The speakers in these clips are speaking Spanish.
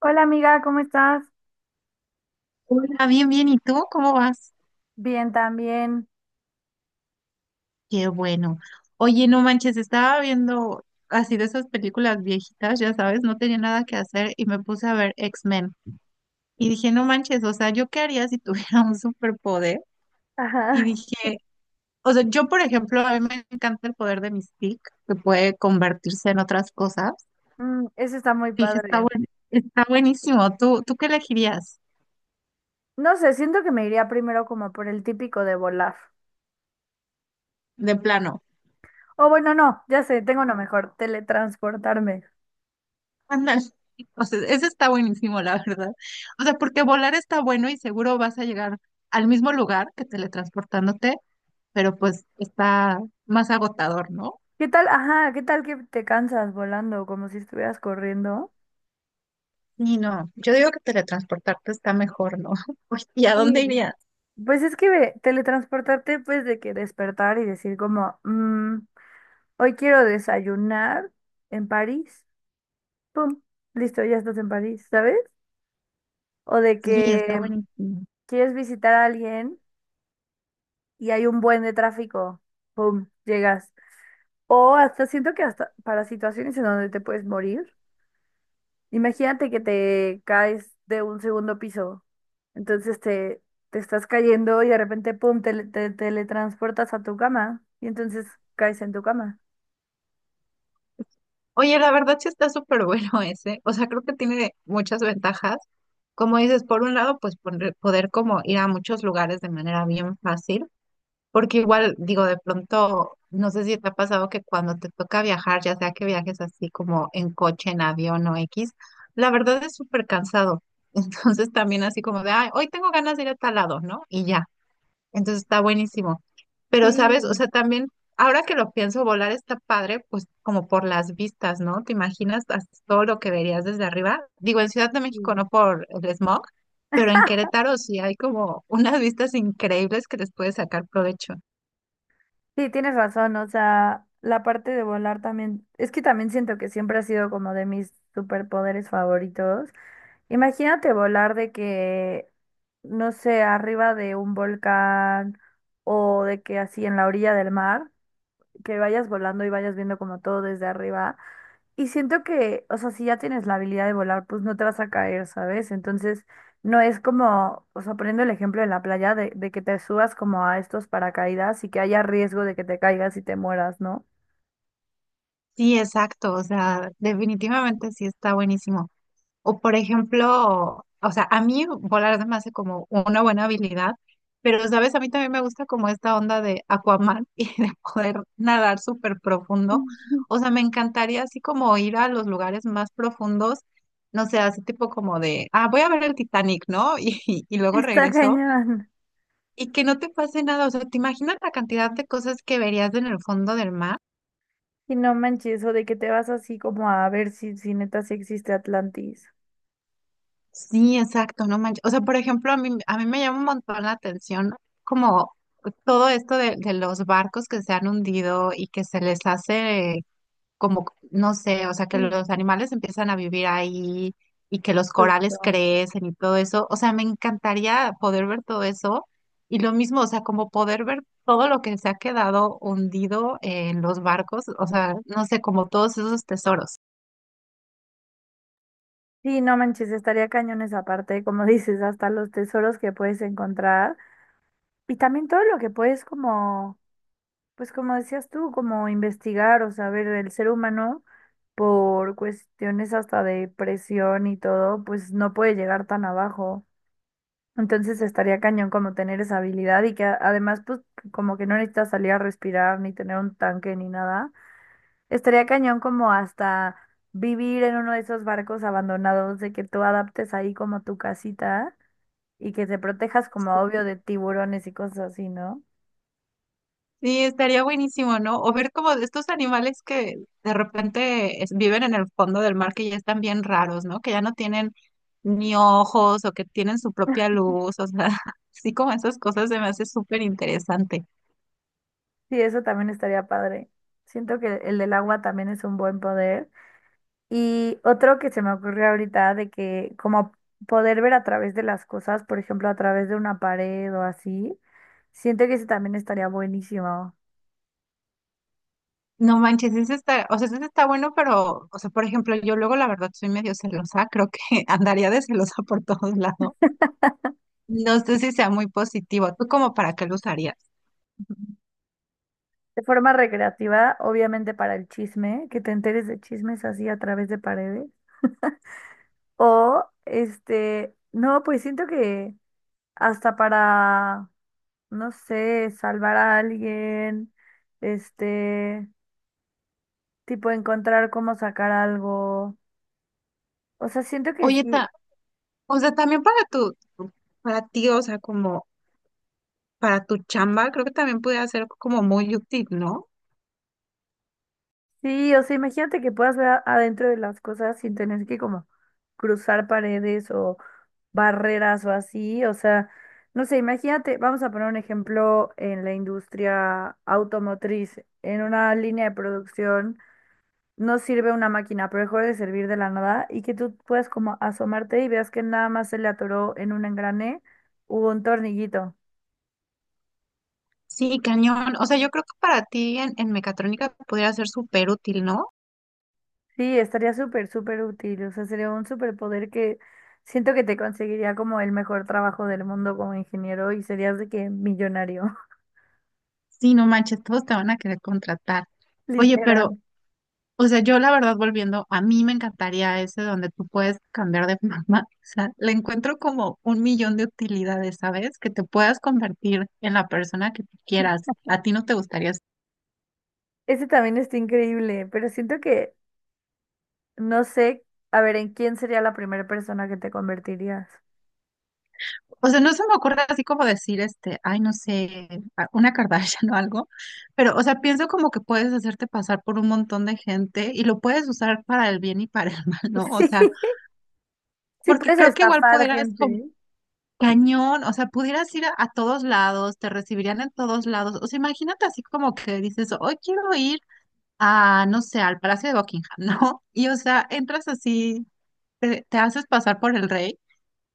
Hola amiga, ¿cómo estás? Hola, bien, bien. ¿Y tú cómo vas? Bien, también. Qué bueno. Oye, no manches, estaba viendo así de esas películas viejitas, ya sabes, no tenía nada que hacer y me puse a ver X-Men. Y dije, no manches, o sea, ¿yo qué haría si tuviera un superpoder? Y Ajá. dije, o sea, yo, por ejemplo, a mí me encanta el poder de mi que puede convertirse en otras cosas. Mm, eso está muy Dije, padre. Está buenísimo. ¿Tú, tú qué elegirías No sé, siento que me iría primero como por el típico de volar. de plano? O bueno, no, ya sé, tengo uno mejor, teletransportarme. Ándale. O sea, ese está buenísimo, la verdad. O sea, porque volar está bueno y seguro vas a llegar al mismo lugar que teletransportándote, pero pues está más agotador, ¿no? ¿Qué tal? Ajá, ¿qué tal que te cansas volando como si estuvieras corriendo? Y no, yo digo que teletransportarte está mejor, ¿no? Oye, ¿y a dónde Sí. irías? Pues es que ve, teletransportarte, pues de que despertar y decir como, "Mm, hoy quiero desayunar en París. Pum, listo, ya estás en París, ¿sabes? O de que Sí, está buenísimo. quieres visitar a alguien y hay un buen de tráfico, ¡pum!, llegas. O hasta siento que hasta para situaciones en donde te puedes morir, imagínate que te caes de un segundo piso, entonces te estás cayendo y de repente, ¡pum!, te teletransportas a tu cama y entonces caes en tu cama. Oye, la verdad sí está súper bueno ese. O sea, creo que tiene muchas ventajas. Como dices, por un lado, pues poner- poder como ir a muchos lugares de manera bien fácil. Porque igual, digo, de pronto, no sé si te ha pasado que cuando te toca viajar, ya sea que viajes así como en coche, en avión o X, la verdad es súper cansado. Entonces también así como de, ay, hoy tengo ganas de ir a tal lado, ¿no? Y ya. Entonces está buenísimo. Pero, ¿sabes? O Sí, sea, también, ahora que lo pienso, volar está padre, pues como por las vistas, ¿no? ¿Te imaginas todo lo que verías desde arriba? Digo, en Ciudad de México sí. no por el smog, pero en Querétaro sí hay como unas vistas increíbles que les puedes sacar provecho. Sí, tienes razón, o sea, la parte de volar también, es que también siento que siempre ha sido como de mis superpoderes favoritos. Imagínate volar de que, no sé, arriba de un volcán o de que así en la orilla del mar, que vayas volando y vayas viendo como todo desde arriba. Y siento que, o sea, si ya tienes la habilidad de volar, pues no te vas a caer, ¿sabes? Entonces, no es como, o sea, poniendo el ejemplo en la playa, de que te subas como a estos paracaídas y que haya riesgo de que te caigas y te mueras, ¿no? Sí, exacto, o sea, definitivamente sí está buenísimo. O por ejemplo, o sea, a mí volar se me hace como una buena habilidad, pero sabes, a mí también me gusta como esta onda de Aquaman y de poder nadar súper profundo. Ujú. O sea, me encantaría así como ir a los lugares más profundos, no sé, así tipo como de, ah, voy a ver el Titanic, ¿no? Y luego Está regreso cañón. y que no te pase nada. O sea, ¿te imaginas la cantidad de cosas que verías en el fondo del mar? Y no manches, o de que te vas así como a ver si neta sí existe Atlantis. Sí, exacto, no manches. O sea, por ejemplo, a mí me llama un montón la atención como todo esto de, los barcos que se han hundido y que se les hace como, no sé, o sea, que Sí, los animales empiezan a vivir ahí y que los corales justo. crecen y todo eso. O sea, me encantaría poder ver todo eso y lo mismo, o sea, como poder ver todo lo que se ha quedado hundido en los barcos, o sea, no sé, como todos esos tesoros. Sí, no manches, estaría cañón esa parte, como dices, hasta los tesoros que puedes encontrar y también todo lo que puedes como, pues como decías tú, como investigar o saber del ser humano por cuestiones hasta de presión y todo, pues no puede llegar tan abajo. Entonces estaría cañón como tener esa habilidad y que además pues como que no necesitas salir a respirar ni tener un tanque ni nada. Estaría cañón como hasta vivir en uno de esos barcos abandonados, de que tú adaptes ahí como tu casita y que te protejas como obvio de tiburones y cosas así, ¿no? Sí, estaría buenísimo, ¿no? O ver como de estos animales que de repente viven en el fondo del mar que ya están bien raros, ¿no? Que ya no tienen ni ojos o que tienen su propia luz, o sea, así como esas cosas se me hace súper interesante. Sí, eso también estaría padre. Siento que el del agua también es un buen poder. Y otro que se me ocurrió ahorita de que como poder ver a través de las cosas, por ejemplo, a través de una pared o así, siento que ese también estaría buenísimo. No manches, ese está, o sea, ese está bueno, pero, o sea, por ejemplo, yo luego la verdad soy medio celosa, creo que andaría de celosa por todos lados. No sé si sea muy positivo. ¿Tú como para qué lo usarías? De forma recreativa, obviamente para el chisme, que te enteres de chismes así a través de paredes. O, este, no, pues siento que hasta para, no sé, salvar a alguien, este, tipo encontrar cómo sacar algo. O sea, siento que Oye, sí, o sea, también para para ti, o sea, como para tu chamba, creo que también pudiera ser como muy útil, ¿no? sí, o sea, imagínate que puedas ver adentro de las cosas sin tener que como cruzar paredes, barreras o así. O sea, no sé, imagínate, vamos a poner un ejemplo en la industria automotriz, en una línea de producción, no sirve una máquina, pero dejó de servir de la nada y que tú puedas como asomarte y veas que nada más se le atoró en un engrane o un tornillito. Sí, cañón. O sea, yo creo que para ti en mecatrónica podría ser súper útil, ¿no? Sí, estaría súper, súper útil. O sea, sería un superpoder que siento que te conseguiría como el mejor trabajo del mundo como ingeniero y serías de que millonario, Sí, no manches, todos te van a querer contratar. Oye, literal. pero, o sea, yo la verdad volviendo, a mí me encantaría ese donde tú puedes cambiar de mamá. O sea, le encuentro como un millón de utilidades, ¿sabes? Que te puedas convertir en la persona que tú quieras. ¿A ti no te gustaría? Ese también está increíble, pero siento que, no sé, a ver, ¿en quién sería la primera persona que te convertirías? O sea, no se me ocurre así como decir, este, ay, no sé, una Kardashian o algo, pero, o sea, pienso como que puedes hacerte pasar por un montón de gente y lo puedes usar para el bien y para el mal, ¿no? O sea, Sí, sí porque puedes creo que igual estafar pudieras como gente. cañón, o sea, pudieras ir a todos lados, te recibirían en todos lados. O sea, imagínate así como que dices, hoy quiero ir a, no sé, al Palacio de Buckingham, ¿no? Y, o sea, entras así, te haces pasar por el rey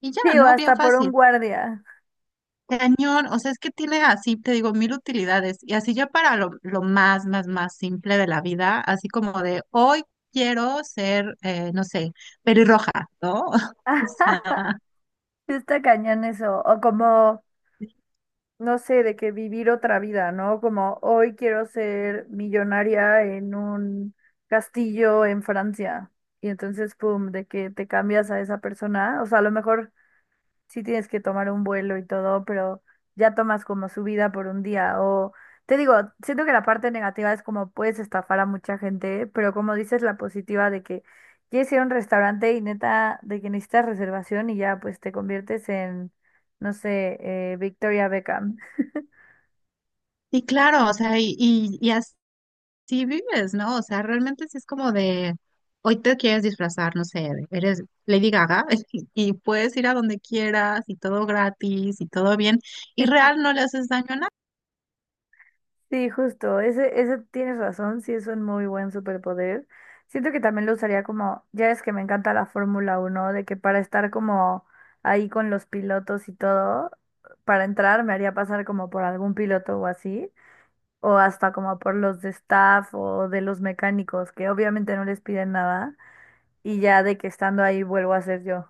y ya, Sí, o ¿no? Bien hasta por un fácil. guardia. Cañón, o sea, es que tiene así, te digo, mil utilidades. Y así ya para lo más, más, más simple de la vida, así como de hoy quiero ser, no sé, pelirroja, ¿no? O sea, Sí, está cañón eso. O como, no sé, de que vivir otra vida, ¿no? Como hoy quiero ser millonaria en un castillo en Francia. Y entonces, pum, de que te cambias a esa persona. O sea, a lo mejor sí tienes que tomar un vuelo y todo, pero ya tomas como su vida por un día. O te digo, siento que la parte negativa es como puedes estafar a mucha gente, pero como dices, la positiva de que quieres ir a un restaurante y neta, de que necesitas reservación y ya pues te conviertes en, no sé, Victoria Beckham. y claro, o sea, y así vives, ¿no? O sea, realmente sí es como de hoy te quieres disfrazar, no sé, eres Lady Gaga y puedes ir a donde quieras y todo gratis y todo bien. Y real no le haces daño a. Sí, justo, ese tienes razón, sí es un muy buen superpoder. Siento que también lo usaría como, ya es que me encanta la Fórmula 1 de que para estar como ahí con los pilotos y todo, para entrar me haría pasar como por algún piloto o así, o hasta como por los de staff o de los mecánicos, que obviamente no les piden nada, y ya de que estando ahí vuelvo a ser yo.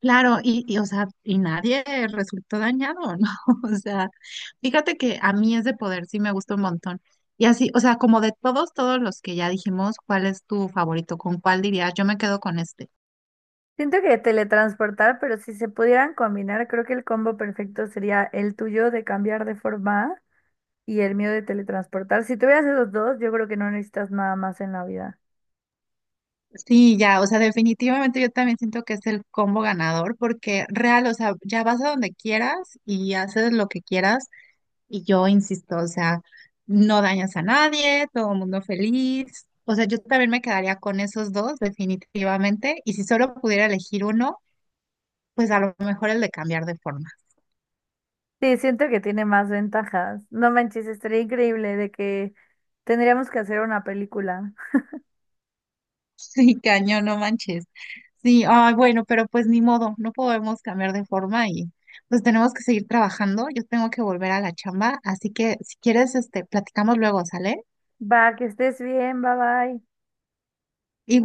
Claro, o sea, y nadie resultó dañado, ¿no? O sea, fíjate que a mí ese poder sí me gusta un montón. Y así, o sea, como de todos, todos los que ya dijimos, ¿cuál es tu favorito? ¿Con cuál dirías? Yo me quedo con este. Siento que teletransportar, pero si se pudieran combinar, creo que el combo perfecto sería el tuyo de cambiar de forma y el miedo de teletransportar. Si tuvieras esos dos, yo creo que no necesitas nada más en la vida. Sí, ya, o sea, definitivamente yo también siento que es el combo ganador, porque real, o sea, ya vas a donde quieras y haces lo que quieras. Y yo insisto, o sea, no dañas a nadie, todo el mundo feliz. O sea, yo también me quedaría con esos dos, definitivamente. Y si solo pudiera elegir uno, pues a lo mejor el de cambiar de forma. Sí, siento que tiene más ventajas. No manches, estaría increíble de que tendríamos que hacer una película. Sí, cañón, no manches. Sí, ay, bueno, pero pues ni modo, no podemos cambiar de forma y pues tenemos que seguir trabajando. Yo tengo que volver a la chamba, así que si quieres, este, platicamos luego, ¿sale? Va, que estés bien, bye bye. Y